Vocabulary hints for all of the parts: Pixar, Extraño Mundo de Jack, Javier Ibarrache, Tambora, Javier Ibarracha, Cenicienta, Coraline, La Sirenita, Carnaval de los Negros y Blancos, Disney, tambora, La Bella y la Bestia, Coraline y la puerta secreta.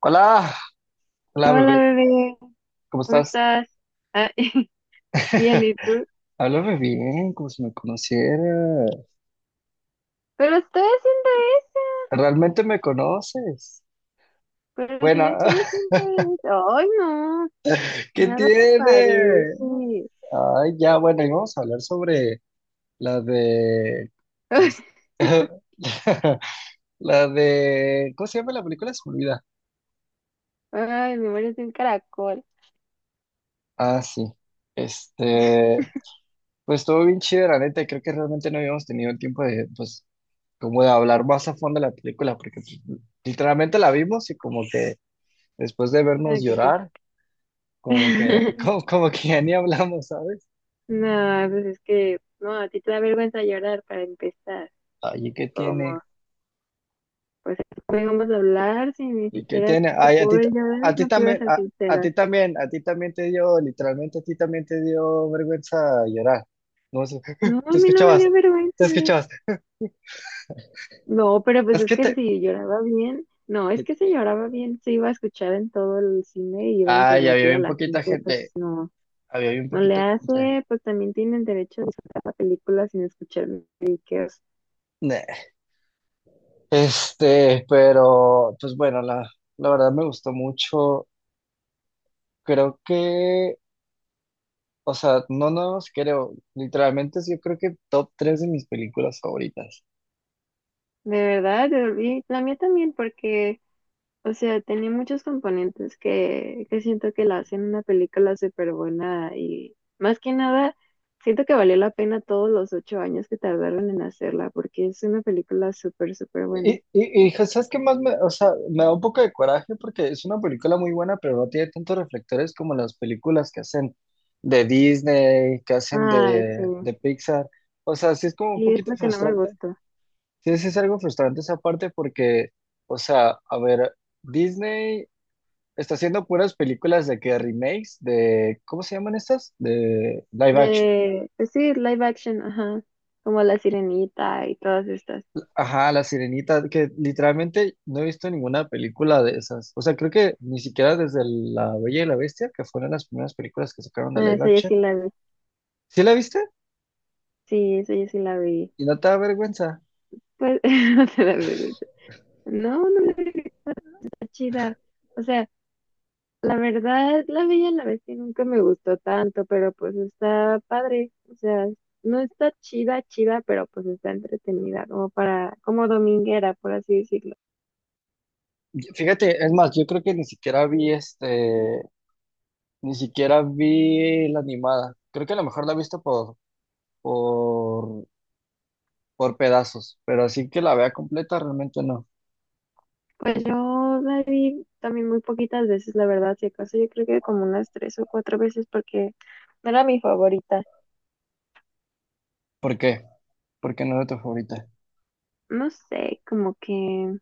Hola, hola Hola bebé, bebé, ¿cómo ¿cómo estás? estás? Ah, bien, ¿y tú? Háblame bien, como si me conociera. Pero estoy haciendo eso, ¿Realmente me conoces? pero si Bueno, yo estoy haciendo eso. ¡Ay, no! ¿qué Nada te parece. tiene? Ay, ya, bueno, y vamos a hablar sobre la de... es- ¿Cómo se llama la película? Se me olvida. Ay, me mueres de un caracol. Ah, sí. Este, pues estuvo bien chida, la neta, y creo que realmente no habíamos tenido el tiempo de, pues, como de hablar más a fondo de la película, porque pues, literalmente la vimos y como que después de vernos Ay, ¿qué? llorar, como que, como, como que ya ni hablamos, ¿sabes? No, pues es que, no, a ti te da vergüenza llorar para empezar. Ay, ¿y qué Como, tiene? pues, ¿cómo íbamos a hablar si ni ¿Y qué siquiera tiene? te Ay, a puedo ti, ver llorar? a ti No te ibas a también, ser a sincera. ti también, a ti también te dio, literalmente a ti también te dio vergüenza llorar. No sé, No, a te mí no me escuchabas, dio te vergüenza. escuchabas. No, pero pues Es es que que si lloraba bien, no, es que te- si lloraba bien se iba a escuchar en todo el cine y iba a ay, había interrumpir a bien la poquita gente, pues gente, no, había bien no le poquita gente. hace, pues también tienen derecho a disfrutar la película sin escuchar musiqueos. Neh. Pero, pues bueno, la verdad me gustó mucho. Creo que, o sea, no nos creo, literalmente es yo creo que top 3 de mis películas favoritas. De verdad, y la mía también, porque, o sea, tenía muchos componentes que siento que la hacen una película súper buena y más que nada, siento que valió la pena todos los 8 años que tardaron en hacerla, porque es una película súper, súper Y, buena. y, y, pues, ¿sabes qué más me, o sea, me da un poco de coraje porque es una película muy buena, pero no tiene tantos reflectores como las películas que hacen de Disney, que hacen Ay, sí. de Pixar. O sea, sí es como un Y es poquito lo que no me frustrante. gustó. Sí, sí es algo frustrante esa parte porque, o sea, a ver, Disney está haciendo puras películas de que remakes de, ¿cómo se llaman estas? De live action. De, pues sí, live action, ajá. Como La Sirenita y todas estas. Ajá, La Sirenita, que literalmente no he visto ninguna película de esas. O sea, creo que ni siquiera desde La Bella y la Bestia, que fueron las primeras películas que sacaron de Ah, live esa yo action. sí la vi. ¿Sí la viste? Sí, esa yo sí la vi. Y no te da vergüenza. Pues no te da vergüenza. No, no me da vergüenza chida. O sea, la verdad, La Bella y la Bestia nunca me gustó tanto, pero pues está padre. O sea, no está chida, chida, pero pues está entretenida, como para, como dominguera, por así decirlo. Y fíjate, es más, yo creo que ni siquiera vi ni siquiera vi la animada. Creo que a lo mejor la he visto por, por, pedazos, pero así que la vea completa realmente no. Pues yo la vi también muy poquitas veces, la verdad, si acaso yo creo que como unas tres o cuatro veces porque no era mi favorita. ¿Por qué? Porque no era tu favorita, No sé, como que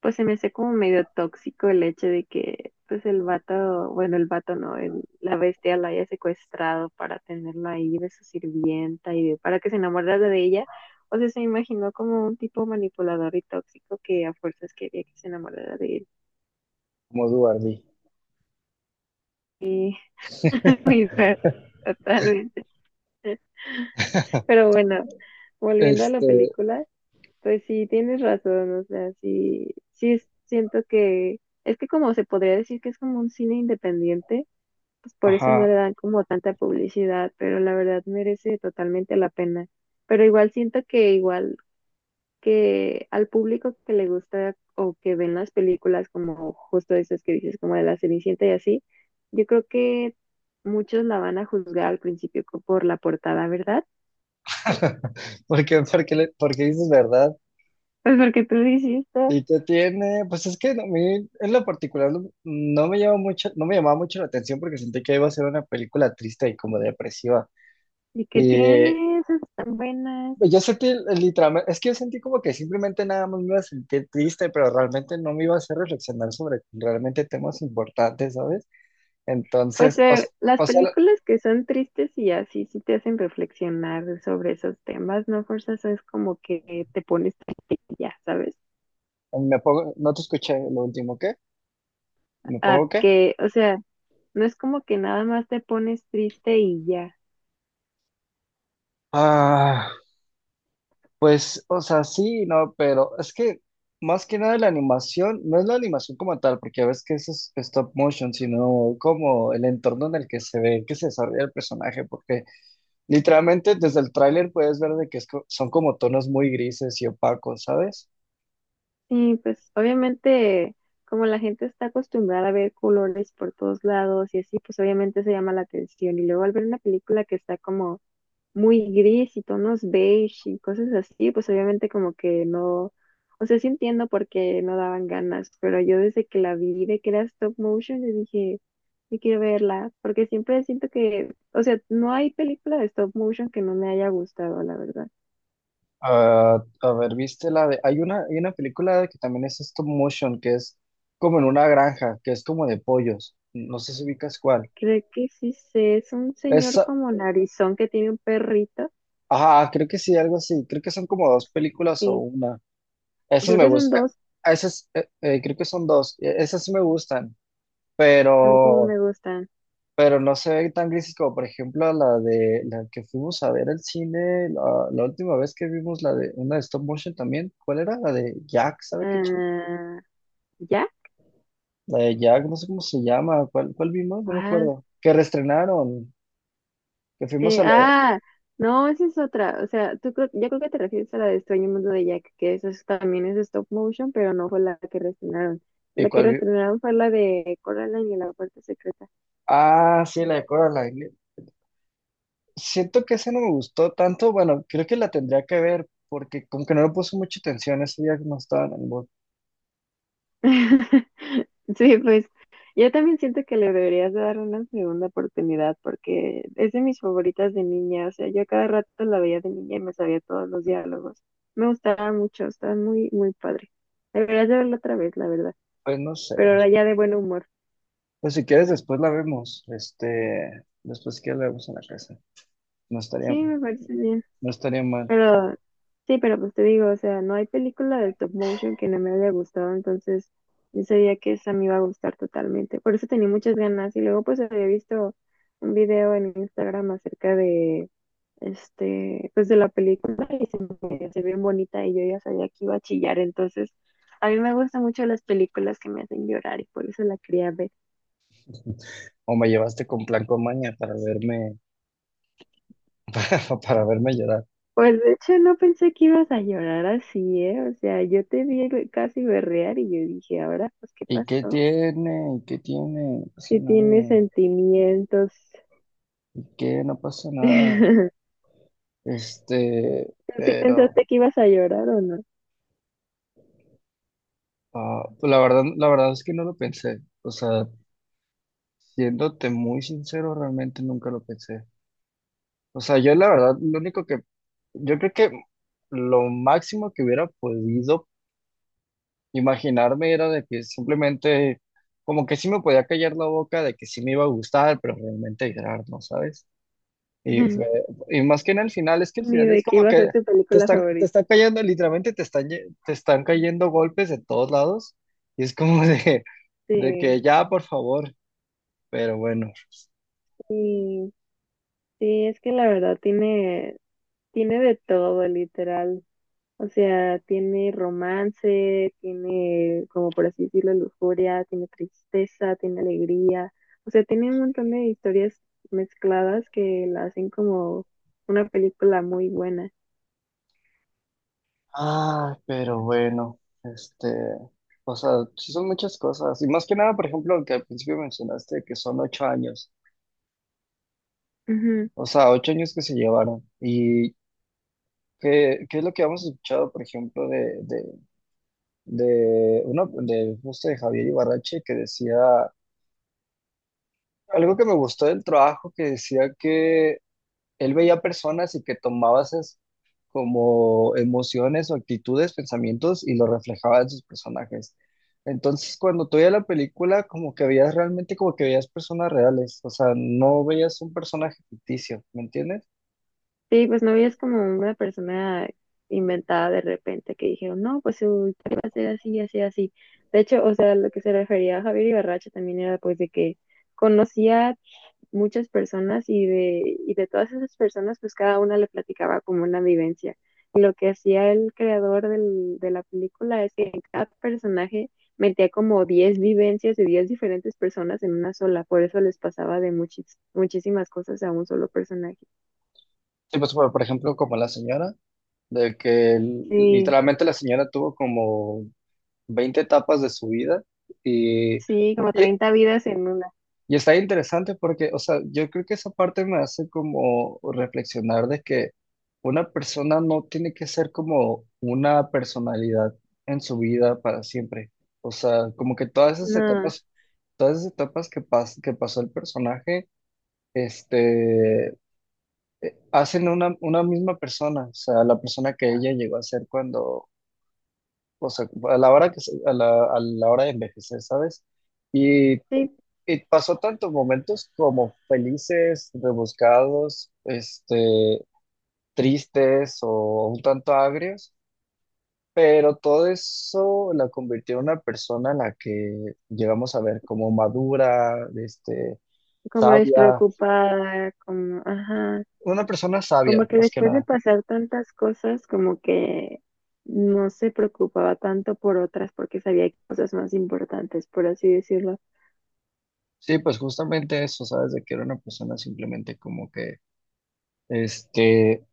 pues se me hace como medio tóxico el hecho de que pues el vato, bueno, el vato no, la bestia la haya secuestrado para tenerla ahí de su sirvienta y para que se enamorara de ella. O sea, se me imaginó como un tipo manipulador y tóxico que a fuerzas quería que se enamorara de él. como Duardi. Y, y fue totalmente. Pero bueno. Volviendo a la Este, película, pues sí tienes razón, o sea, sí, siento que es que como se podría decir que es como un cine independiente, pues por eso no le ajá. dan como tanta publicidad, pero la verdad merece totalmente la pena. Pero igual siento que igual que al público que le gusta o que ven las películas como justo esas que dices, como de la Cenicienta y así, yo creo que muchos la van a juzgar al principio por la portada, ¿verdad? Porque dices verdad. Pues porque tú lo hiciste. ¿Y qué tiene? Pues es que a mí, en lo particular, no no me llama mucho, no me llamaba mucho la atención porque sentí que iba a ser una película triste y como depresiva. ¿Y qué Y tiene? Esas tan buenas. yo sentí literalmente, es que yo sentí como que simplemente nada más me iba a sentir triste, pero realmente no me iba a hacer reflexionar sobre realmente temas importantes, ¿sabes? Pues Entonces, las o sea, películas que son tristes y así sí te hacen reflexionar sobre esos temas, no fuerzas es como que te pones triste y ya, ¿sabes? me pongo, no te escuché lo último, ¿qué? ¿Me A pongo qué? que, o sea, no es como que nada más te pones triste y ya. Ah. Pues, o sea, sí, no, pero es que más que nada la animación, no es la animación como tal, porque ves que eso es stop motion, sino como el entorno en el que se ve, que se desarrolla el personaje, porque literalmente desde el tráiler puedes ver de que son como tonos muy grises y opacos, ¿sabes? Sí, pues obviamente como la gente está acostumbrada a ver colores por todos lados y así, pues obviamente se llama la atención. Y luego al ver una película que está como muy gris y tonos beige y cosas así, pues obviamente como que no, o sea, sí entiendo por qué no daban ganas, pero yo desde que la vi de que era stop motion, yo dije, yo quiero verla, porque siempre siento que, o sea, no hay película de stop motion que no me haya gustado, la verdad. Ah, a ver, viste la de, hay una película que también es stop motion, que es como en una granja, que es como de pollos, no sé si ubicas cuál. Creo que sí sé, es un señor Esa como narizón que tiene un perrito, ajá, creo que sí, algo así, creo que son como dos películas o sí, una. Esos creo me que son gustan. dos, Esos, creo que son dos. Esas sí me gustan, a mí como pero, me gustan. pero no se ven tan grises como, por ejemplo, la de la que fuimos a ver al cine, la última vez que vimos la de una de stop motion también. ¿Cuál era? La de Jack, ¿sabe qué ching? Ah, La de Jack, no sé cómo se llama. ¿Cuál vimos? No me ¿ya? acuerdo. Que reestrenaron, que fuimos Te- a la. ah, no, esa es otra. O sea, tú creo, yo creo que te refieres a la de Extraño Mundo de Jack, que también es stop motion, pero no fue la que reestrenaron. ¿Y La que cuál vi- reestrenaron fue la de Coraline y la puerta secreta. Ah, sí, la de Coraline. Siento que esa no me gustó tanto. Bueno, creo que la tendría que ver porque como que no le puse mucha atención ese día que no estaba en el. Sí, pues yo también siento que le deberías de dar una segunda oportunidad porque es de mis favoritas de niña. O sea, yo a cada rato la veía de niña y me sabía todos los diálogos. Me gustaba mucho, estaba muy, muy padre. Deberías de verla otra vez, la verdad. Pues no sé. Pero ahora ya de buen humor. Pues si quieres después la vemos. Después si quieres la vemos en la casa. No estaría, Sí, me parece bien. no estaría mal. Pero sí, pero pues te digo, o sea, no hay película de stop motion que no me haya gustado, entonces yo sabía que esa me iba a gustar totalmente. Por eso tenía muchas ganas y luego pues había visto un video en Instagram acerca de este, pues de la película que se ve bien bonita y yo ya sabía que iba a chillar, entonces a mí me gustan mucho las películas que me hacen llorar y por eso la quería ver. O me llevaste con plan con maña para verme, para verme llorar. Pues de hecho no pensé que ibas a llorar así, ¿eh? O sea, yo te vi casi berrear y yo dije, ahora pues ¿qué ¿Y qué pasó? tiene? ¿Y qué tiene? No pasa Si tiene nada. sentimientos. ¿Qué? No pasa nada. ¿Tú sí Pero pensaste que ibas a llorar o no? ah, pues la verdad es que no lo pensé. O sea, siéndote muy sincero, realmente nunca lo pensé. O sea, yo la verdad, lo único que, yo creo que lo máximo que hubiera podido imaginarme era de que simplemente, como que sí me podía callar la boca de que sí me iba a gustar, pero realmente llorar, ¿no sabes? Y, fue- y más que en el final, es que el Ni final es de que como iba a que ser tu te película están, te favorita. están cayendo, literalmente te están cayendo golpes de todos lados, y es como de, Sí, que ya, por favor, pero bueno. sí, sí, es que la verdad tiene, tiene de todo, literal. O sea, tiene romance, tiene, como por así decirlo, lujuria, tiene tristeza, tiene alegría. O sea, tiene un montón de historias mezcladas que la hacen como una película muy buena. Ah, pero bueno, este, o sea, sí son muchas cosas, y más que nada, por ejemplo, lo que al principio mencionaste, que son 8 años, Ujú. o sea, 8 años que se llevaron, y qué es lo que hemos escuchado, por ejemplo, de, de, uno de justo de Javier Ibarrache que decía algo que me gustó del trabajo, que decía que él veía personas y que tomaba esas como emociones o actitudes, pensamientos y lo reflejaba en sus personajes? Entonces, cuando tú veías la película, como que veías realmente como que veías personas reales, o sea, no veías un personaje ficticio, ¿me entiendes? Sí, pues no es como una persona inventada de repente que dijeron, no, pues su historia va a ser así, así, así. De hecho, o sea, lo que se refería a Javier Ibarracha también era pues de que conocía muchas personas y de todas esas personas pues cada una le platicaba como una vivencia. Y lo que hacía el creador de la película es que en cada personaje metía como 10 vivencias de 10 diferentes personas en una sola, por eso les pasaba de muchísimas cosas a un solo personaje. Sí, pues, por ejemplo, como la señora. De que Sí. literalmente la señora tuvo como 20 etapas de su vida y, y, Sí, como 30 vidas en una. y está interesante porque, o sea, yo creo que esa parte me hace como reflexionar de que una persona no tiene que ser como una personalidad en su vida para siempre. O sea, como que No, todas esas etapas que, que pasó el personaje, este, hacen una misma persona, o sea, la persona que ella llegó a ser cuando, o sea, a la hora que, a la hora de envejecer, ¿sabes? Y, sí, y pasó tantos momentos como felices, rebuscados, tristes o un tanto agrios, pero todo eso la convirtió en una persona en la que llegamos a ver como madura, este, como sabia, despreocupada, como, ajá, una persona sabia, como que más que después de nada. pasar tantas cosas, como que no se preocupaba tanto por otras porque sabía cosas más importantes, por así decirlo. Sí, pues justamente eso, ¿sabes? De que era una persona simplemente como que, este,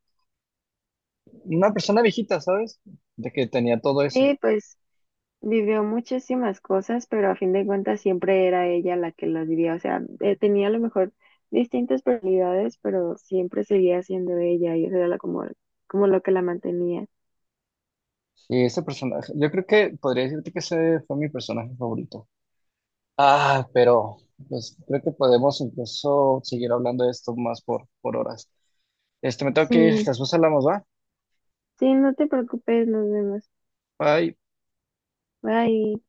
una persona viejita, ¿sabes? De que tenía todo eso. Sí, pues vivió muchísimas cosas, pero a fin de cuentas siempre era ella la que las vivía. O sea, tenía a lo mejor distintas personalidades, pero siempre seguía siendo ella y eso era como, como lo que la mantenía. Y ese personaje, yo creo que podría decirte que ese fue mi personaje favorito. Ah, pero pues creo que podemos incluso seguir hablando de esto más por, horas. Me tengo que ir, Sí, después hablamos, ¿va? sí, no te preocupes, nos vemos. Bye. Bye.